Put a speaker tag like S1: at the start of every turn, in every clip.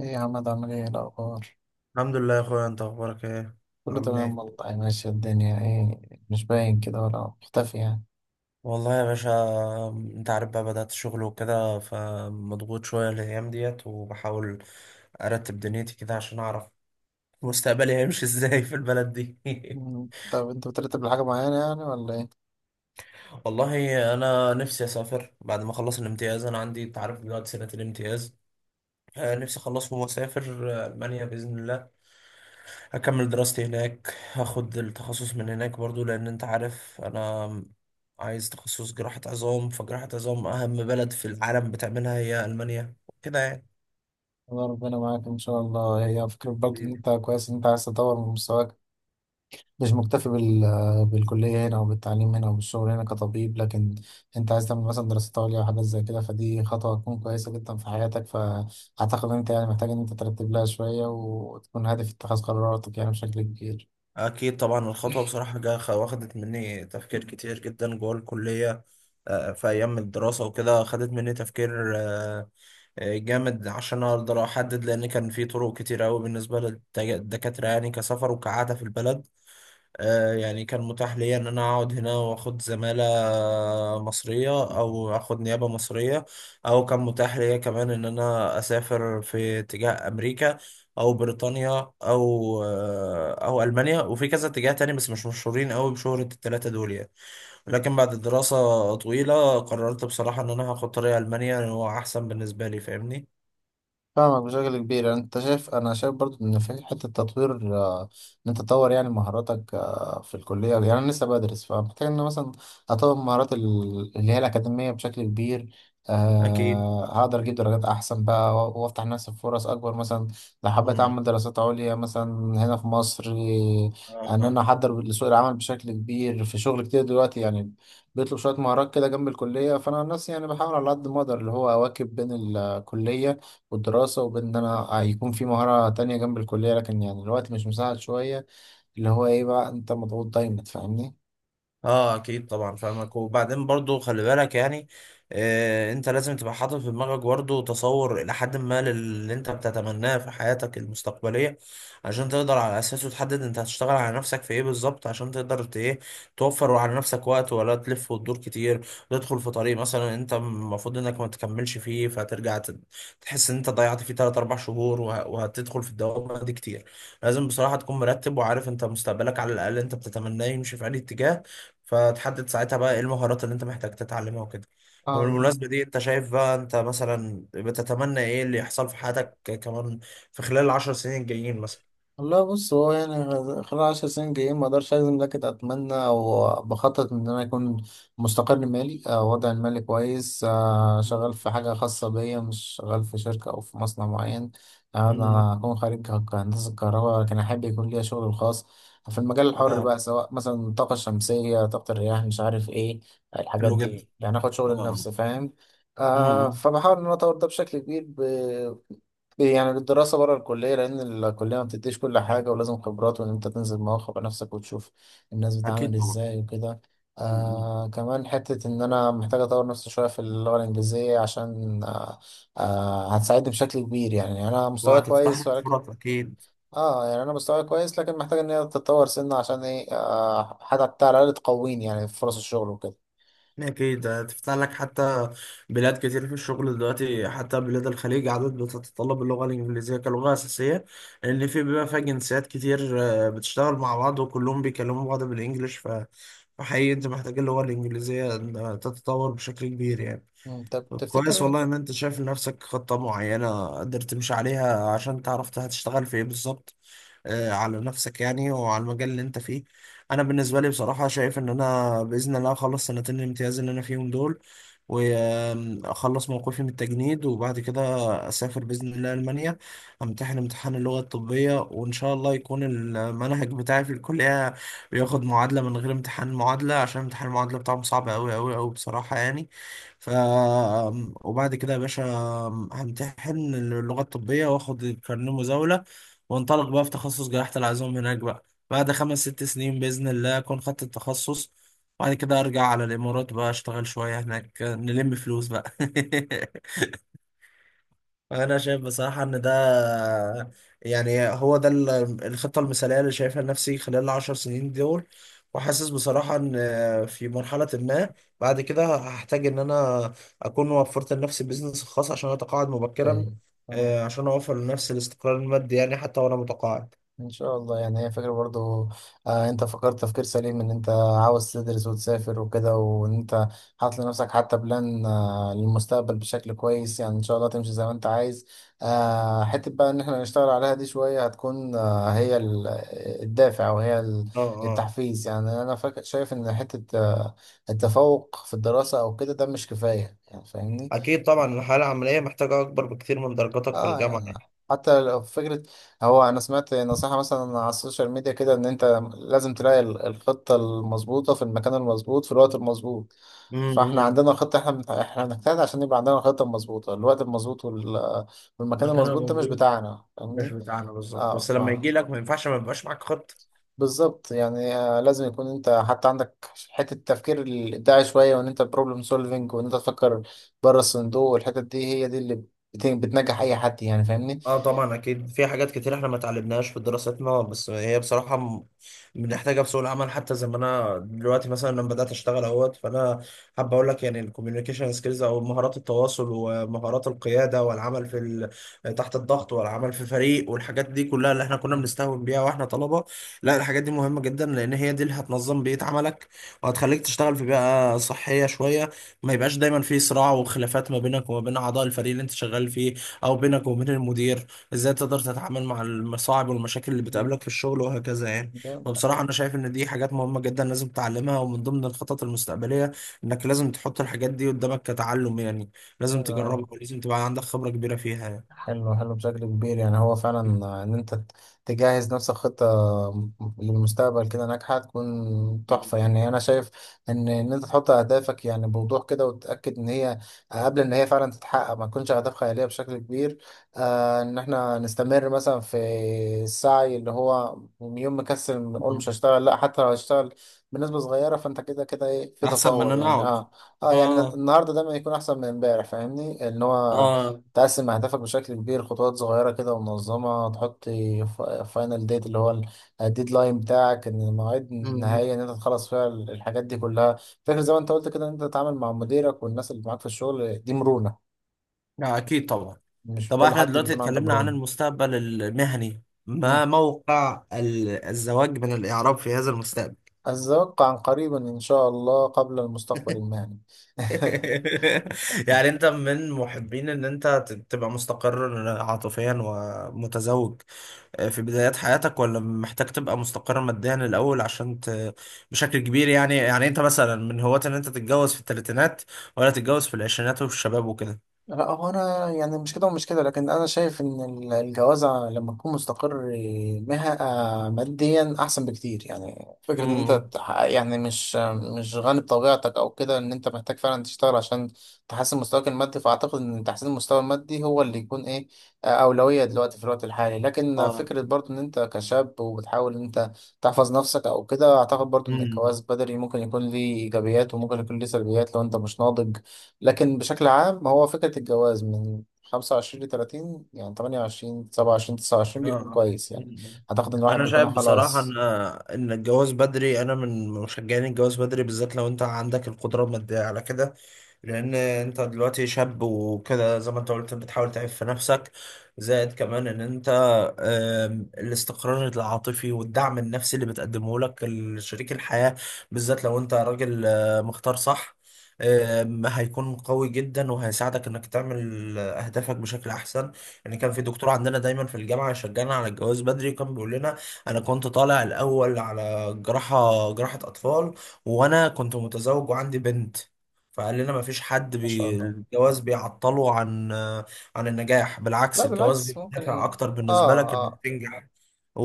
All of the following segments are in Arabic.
S1: ايه يا عم، عامل ايه الاخبار؟
S2: الحمد لله يا اخويا، انت اخبارك ايه؟
S1: كله
S2: عامل
S1: تمام
S2: ايه؟
S1: والله. ماشية الدنيا ايه؟ مش باين كده ولا مختفي يعني.
S2: والله يا باشا انت عارف بقى، بدأت شغل وكده فمضغوط شوية الأيام ديت، وبحاول أرتب دنيتي كده عشان أعرف مستقبلي هيمشي ازاي في البلد دي.
S1: طب انت بترتب لحاجة معينة يعني ولا ايه؟
S2: والله أنا نفسي أسافر بعد ما أخلص الامتياز، أنا عندي أنت عارف دلوقتي سنة الامتياز،
S1: مم.
S2: نفسي أخلصهم وأسافر، ألمانيا بإذن الله. هكمل دراستي هناك، هاخد التخصص من هناك برضو، لان انت عارف انا عايز تخصص جراحة عظام، فجراحة عظام اهم بلد في العالم بتعملها هي المانيا كده يعني.
S1: الله ربنا معاك ان شاء الله. هي فكرة برضه، ان
S2: أيوة.
S1: انت كويس ان انت عايز تطور من مستواك، مش مكتفي بالكلية هنا وبالتعليم هنا وبالشغل هنا كطبيب، لكن انت عايز تعمل مثلا دراسات عليا وحاجات زي كده، فدي خطوة هتكون كويسة جدا في حياتك. فاعتقد ان انت يعني محتاج ان انت ترتب لها شوية وتكون هادف في اتخاذ قراراتك يعني بشكل كبير.
S2: اكيد طبعا الخطوة بصراحة واخدت مني تفكير كتير جدا جوه الكلية، في ايام الدراسة وكده خدت مني تفكير جامد عشان اقدر احدد، لان كان في طرق كتير قوي بالنسبة للدكاترة يعني، كسفر وكعادة في البلد يعني كان متاح ليا ان انا اقعد هنا واخد زمالة مصرية او اخد نيابة مصرية، او كان متاح ليا كمان ان انا اسافر في اتجاه امريكا او بريطانيا او المانيا، وفي كذا اتجاه تاني بس مش مشهورين قوي بشهرة التلاتة دول يعني. لكن بعد دراسة طويلة قررت بصراحة ان انا هاخد طريق المانيا، إن هو احسن بالنسبة لي. فاهمني؟
S1: فاهمك بشكل كبير. يعني انت شايف، انا شايف برضو ان في حته تطوير، ان انت تطور يعني مهاراتك، في الكليه يعني انا لسه بدرس، فمحتاج ان أنا مثلا اطور مهارات اللي هي الاكاديميه بشكل كبير.
S2: اكيد.
S1: أه هقدر اجيب درجات احسن بقى وافتح لنفسي فرص اكبر، مثلا لو حبيت
S2: مم.
S1: اعمل دراسات عليا مثلا هنا في مصر. ان انا
S2: آه.
S1: احضر لسوق العمل بشكل كبير. في شغل كتير دلوقتي يعني بيطلب شويه مهارات كده جنب الكليه، فانا عن نفسي يعني بحاول على قد ما اقدر اللي هو اواكب بين الكليه والدراسة وبين إن أنا هيكون في مهارة تانية جنب الكلية، لكن يعني الوقت مش مساعد شوية. اللي هو إيه بقى، أنت مضغوط دايما، فاهمني؟
S2: اه اكيد طبعا فاهمك. وبعدين برضو خلي بالك يعني، آه انت لازم تبقى حاطط في دماغك برضو تصور الى حد ما اللي انت بتتمناه في حياتك المستقبلية، عشان تقدر على اساسه تحدد انت هتشتغل على نفسك في ايه بالظبط، عشان تقدر ايه توفر على نفسك وقت، ولا تلف وتدور كتير وتدخل في طريق مثلا انت المفروض انك ما تكملش فيه، فترجع تحس ان انت ضيعت فيه 3 4 شهور وهتدخل في الدوامة دي كتير. لازم بصراحة تكون مرتب وعارف انت مستقبلك على الاقل انت بتتمناه يمشي في انهي اتجاه، فتحدد ساعتها بقى ايه المهارات اللي انت محتاج تتعلمها وكده. مم. وبالمناسبة دي انت شايف بقى انت مثلا بتتمنى ايه اللي يحصل في حياتك كمان في خلال العشر سنين الجايين مثلا؟
S1: والله بص، هو يعني خلال 10 سنين جايين ما اقدرش اجزم، لكن اتمنى او بخطط ان انا اكون مستقر مالي، وضعي المالي كويس، شغال في
S2: مم.
S1: حاجه خاصه بيا، مش شغال في شركه او في مصنع معين. انا
S2: امم.
S1: هكون خريج هندسه كهرباء، لكن احب يكون ليا شغل الخاص في المجال الحر
S2: اه.
S1: بقى، سواء مثلا الطاقه الشمسيه، طاقه الرياح، مش عارف ايه الحاجات
S2: حلو جدا.
S1: دي، يعني اخد شغل
S2: اه.
S1: لنفسي، فاهم. آه،
S2: امم.
S1: فبحاول ان انا اطور ده بشكل كبير. يعني الدراسة بره الكلية، لأن الكلية ما بتديش كل حاجة، ولازم خبرات، وإن أنت تنزل مواقع بنفسك وتشوف الناس بتتعامل
S2: اكيد طبعا.
S1: إزاي وكده.
S2: مم.
S1: آه كمان حتة إن أنا محتاج أطور نفسي شوية في اللغة الإنجليزية، عشان آه، آه هتساعدني بشكل كبير يعني. يعني أنا مستواي
S2: وهتفتح
S1: كويس
S2: لك
S1: ولكن،
S2: فرص اكيد.
S1: اه يعني انا مستواي كويس لكن محتاج ان هي تتطور سنة، عشان ايه، آه حتى على الاقل تقويني يعني في فرص الشغل وكده.
S2: أكيد هتفتح لك حتى بلاد كتير في الشغل دلوقتي، حتى بلاد الخليج عدد بتتطلب اللغة الإنجليزية كلغة أساسية، لأن في بيبقى فيها جنسيات كتير بتشتغل مع بعض وكلهم بيكلموا بعض بالإنجليش، فحقيقي أنت محتاج اللغة الإنجليزية إنها تتطور بشكل كبير يعني.
S1: طب
S2: طب
S1: تفتكر
S2: كويس والله إن أنت شايف لنفسك خطة معينة قدرت تمشي عليها عشان تعرف هتشتغل في إيه بالظبط، على نفسك يعني وعلى المجال اللي انت فيه. انا بالنسبه لي بصراحه شايف ان انا باذن الله اخلص سنتين الامتياز اللي انا فيهم دول، واخلص موقفي من التجنيد، وبعد كده اسافر باذن الله المانيا، امتحن امتحان اللغه الطبيه، وان شاء الله يكون المنهج بتاعي في الكليه بياخد معادله من غير امتحان معادله، عشان امتحان المعادله بتاعهم صعب قوي قوي قوي بصراحه يعني. ف وبعد كده يا باشا همتحن اللغه الطبيه واخد الكارنيه مزاوله، وانطلق بقى في تخصص جراحة العظام هناك بقى. بعد خمس ست سنين بإذن الله أكون خدت التخصص، وبعد كده أرجع على الإمارات بقى أشتغل شوية هناك، نلم فلوس بقى. أنا شايف بصراحة إن ده يعني هو ده الخطة المثالية اللي شايفها لنفسي خلال العشر سنين دول. وحاسس بصراحة إن في مرحلة ما بعد كده هحتاج إن أنا أكون وفرت لنفسي بيزنس خاص عشان أتقاعد مبكرا،
S1: طيب. آه.
S2: عشان أوفر لنفسي الاستقرار المادي يعني حتى وأنا متقاعد.
S1: ان شاء الله. يعني هي فكرة برضو، آه انت فكرت تفكير سليم، ان انت عاوز تدرس وتسافر وكده، وان انت حاطط لنفسك حتى بلان، آه للمستقبل بشكل كويس، يعني ان شاء الله تمشي زي ما انت عايز. آه حتة بقى ان احنا نشتغل عليها دي شوية، هتكون آه هي الدافع، او هي
S2: اه. آه.
S1: التحفيز. يعني انا فاكر شايف ان حتة آه التفوق في الدراسة او كده ده مش كفاية يعني، فاهمني.
S2: أكيد طبعا الحياة العملية محتاجة أكبر بكتير من درجاتك في
S1: اه
S2: الجامعة
S1: يعني
S2: يعني.
S1: حتى لو فكرة، هو أنا سمعت نصيحة مثلا على السوشيال ميديا كده، إن أنت لازم تلاقي الخطة المظبوطة في المكان المظبوط في الوقت المظبوط. فاحنا
S2: امم.
S1: عندنا خطة، احنا احنا بنجتهد عشان يبقى عندنا الخطة المظبوطة، الوقت المظبوط، والمكان
S2: مكان
S1: المظبوط ده مش
S2: المفروض
S1: بتاعنا،
S2: مش
S1: فاهمني؟
S2: بتاعنا بالظبط،
S1: اه
S2: بس
S1: ف،
S2: لما يجي لك ما ينفعش ما يبقاش معاك خطة.
S1: بالظبط يعني. لازم يكون انت حتى عندك حتة التفكير الإبداعي شوية، وإن أنت بروبلم سولفينج، وإن أنت تفكر بره الصندوق. والحتة دي هي دي اللي بتنجح أي حد، يعني فاهمني؟
S2: اه طبعا اكيد، في حاجات كتير احنا ما اتعلمناهاش في دراستنا بس هي بصراحه بنحتاجها في سوق العمل، حتى زي ما انا دلوقتي مثلا لما بدات اشتغل اهوت، فانا حابب اقول لك يعني الكوميونيكيشن سكيلز او مهارات التواصل ومهارات القياده والعمل في تحت الضغط، والعمل في فريق، والحاجات دي كلها اللي احنا كنا بنستهون بيها واحنا طلبه. لا الحاجات دي مهمه جدا، لان هي دي اللي هتنظم بيئه عملك، وهتخليك تشتغل في بيئه صحيه شويه، ما يبقاش دايما في صراع وخلافات ما بينك وما بين اعضاء الفريق اللي انت شغال فيه، او بينك وبين المدير. ازاي تقدر تتعامل مع المصاعب والمشاكل اللي
S1: مم.
S2: بتقابلك في الشغل وهكذا يعني.
S1: جامد.
S2: فبصراحة انا شايف ان دي حاجات مهمة جدا لازم تتعلمها، ومن ضمن الخطط المستقبلية انك لازم تحط الحاجات دي قدامك كتعلم يعني، لازم
S1: حلو أوي.
S2: تجربها ولازم تبقى عندك خبرة كبيرة فيها يعني.
S1: حلو بشكل كبير. يعني هو فعلا ان انت تجهز نفسك خطة للمستقبل كده ناجحة، تكون
S2: مم.
S1: تحفة يعني. انا شايف ان انت تحط اهدافك يعني بوضوح كده، وتتأكد ان هي قبل ان هي فعلا تتحقق ما تكونش اهداف خيالية بشكل كبير. آه ان احنا نستمر مثلا في السعي، اللي هو يوم مكسل نقول مش
S2: مم.
S1: هشتغل، لا، حتى لو هشتغل بنسبة صغيرة، فانت كده كده ايه، في
S2: احسن من ان
S1: تطور
S2: انا
S1: يعني.
S2: اقعد.
S1: اه اه يعني
S2: اه.
S1: النهارده دايما يكون احسن من امبارح، فاهمني. ان هو
S2: اه.
S1: تقسم أهدافك بشكل كبير خطوات صغيرة كده ومنظمة، تحط فاينل ديت، اللي هو الديدلاين بتاعك، إن مواعيد
S2: مم.
S1: نهائية إن أنت تخلص فيها الحاجات دي كلها. فاكر زي ما أنت قلت كده، إن أنت تتعامل مع مديرك والناس اللي معاك في الشغل دي مرونة.
S2: لا اكيد طبعا.
S1: مش
S2: طب
S1: كل
S2: احنا
S1: حد
S2: دلوقتي
S1: بيكون عنده
S2: اتكلمنا عن
S1: مرونة.
S2: المستقبل المهني،
S1: مم.
S2: ما موقع الزواج من الاعراب في هذا المستقبل؟
S1: أتوقع عن قريبا إن شاء الله، قبل المستقبل المهني.
S2: يعني انت من محبين ان انت تبقى مستقر عاطفيا ومتزوج في بدايات حياتك، ولا محتاج تبقى مستقر ماديا الاول عشان بشكل كبير يعني. يعني انت مثلا من هواة ان انت تتجوز في الثلاثينات، ولا تتجوز في العشرينات وفي الشباب وكده؟
S1: لا هو انا يعني مش كده ومش كده، لكن انا شايف ان الجوازة لما تكون مستقر مها ماديا احسن بكتير. يعني فكرة ان انت
S2: امم.
S1: يعني مش غني بطبيعتك او كده، ان انت محتاج فعلا تشتغل عشان تحسن مستواك المادي. فاعتقد ان تحسين المستوى المادي هو اللي يكون ايه، اولوية دلوقتي في الوقت الحالي. لكن
S2: اه.
S1: فكرة برضو ان انت كشاب، وبتحاول ان انت تحفظ نفسك او كده، اعتقد برضو ان
S2: مم.
S1: الجواز بدري ممكن يكون ليه ايجابيات، وممكن يكون ليه سلبيات لو انت مش ناضج. لكن بشكل عام هو فكرة الجواز من 25 ل 30، يعني 28 27 29 بيكون
S2: اه.
S1: كويس يعني.
S2: مم.
S1: أعتقد إن الواحد
S2: انا شايف
S1: بيكون
S2: بصراحه
S1: خلاص.
S2: ان ان الجواز بدري، انا من مشجعين الجواز بدري بالذات لو انت عندك القدره الماديه على كده، لان انت دلوقتي شاب وكده زي ما انت قلت بتحاول تعيش في نفسك. زائد كمان ان انت الاستقرار العاطفي والدعم النفسي اللي بتقدمه لك شريك الحياه، بالذات لو انت راجل مختار صح، هيكون قوي جدا وهيساعدك انك تعمل اهدافك بشكل احسن. يعني كان في دكتور عندنا دايما في الجامعة يشجعنا على الجواز بدري، وكان بيقول لنا أنا كنت طالع الأول على جراحة أطفال، وأنا كنت متزوج وعندي بنت، فقال لنا مفيش حد
S1: ما شاء الله.
S2: الجواز بيعطله عن عن النجاح، بالعكس
S1: لا
S2: الجواز
S1: بالعكس،
S2: بيبقى دافع
S1: ممكن.
S2: أكتر بالنسبة لك
S1: آه
S2: إنك
S1: آه.
S2: تنجح.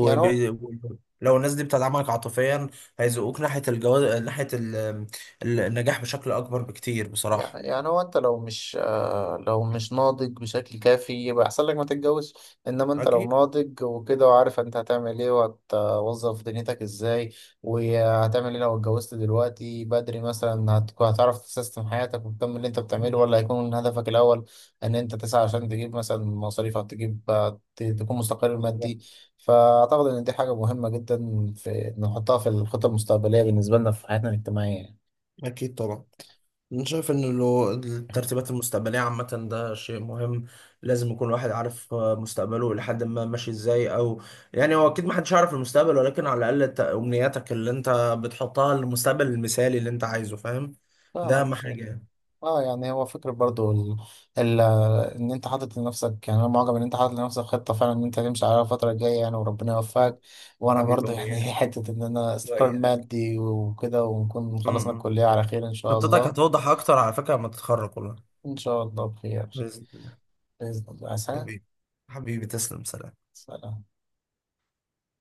S1: يعني هو
S2: لو الناس دي بتدعمك عاطفيا هيزقوك ناحية الجواز، ناحية النجاح بشكل أكبر بكتير بصراحة.
S1: يعني يعني هو انت لو مش، لو مش ناضج بشكل كافي، يبقى احسن لك ما تتجوزش. انما انت لو
S2: أكيد.
S1: ناضج وكده، وعارف انت هتعمل ايه، وهتوظف دنيتك ازاي، وهتعمل ايه لو اتجوزت دلوقتي بدري مثلا، هتكون هتعرف تسيستم حياتك وتكمل اللي انت بتعمله، ولا
S2: مم.
S1: هيكون هدفك الاول ان انت تسعى عشان تجيب مثلا مصاريفك، تجيب تكون مستقر مادي.
S2: بالظبط.
S1: فاعتقد ان دي حاجة مهمة جدا في نحطها في الخطة المستقبلية بالنسبة لنا في حياتنا الاجتماعية.
S2: أكيد طبعا. أنا شايف إن لو الترتيبات المستقبلية عامة ده شيء مهم، لازم يكون الواحد عارف مستقبله إلى حد ما ماشي إزاي. أو يعني هو أكيد محدش يعرف المستقبل، ولكن على الأقل أمنياتك اللي أنت بتحطها للمستقبل المثالي اللي أنت عايزه. فاهم؟ ده
S1: فاهمك
S2: أهم
S1: مش،
S2: حاجة يعني.
S1: اه يعني هو فكرة برضو ال... ان انت حاطط لنفسك. يعني انا معجب ان انت حاطط لنفسك خطة فعلا، ان انت تمشي عليها الفترة الجاية يعني، وربنا
S2: م.
S1: يوفقك. وانا
S2: حبيبي
S1: برضو يعني
S2: وإياك.
S1: حتة ان انا استقرار
S2: وإياك.
S1: مادي وكده، ونكون خلصنا
S2: م.
S1: الكلية على خير ان شاء
S2: خطتك
S1: الله.
S2: هتوضح أكتر على فكرة لما تتخرج والله.
S1: ان شاء الله بخير.
S2: بإذن الله.
S1: بإذن الله. سلام.
S2: حبيبي. حبيبي تسلم، سلام.
S1: سلام.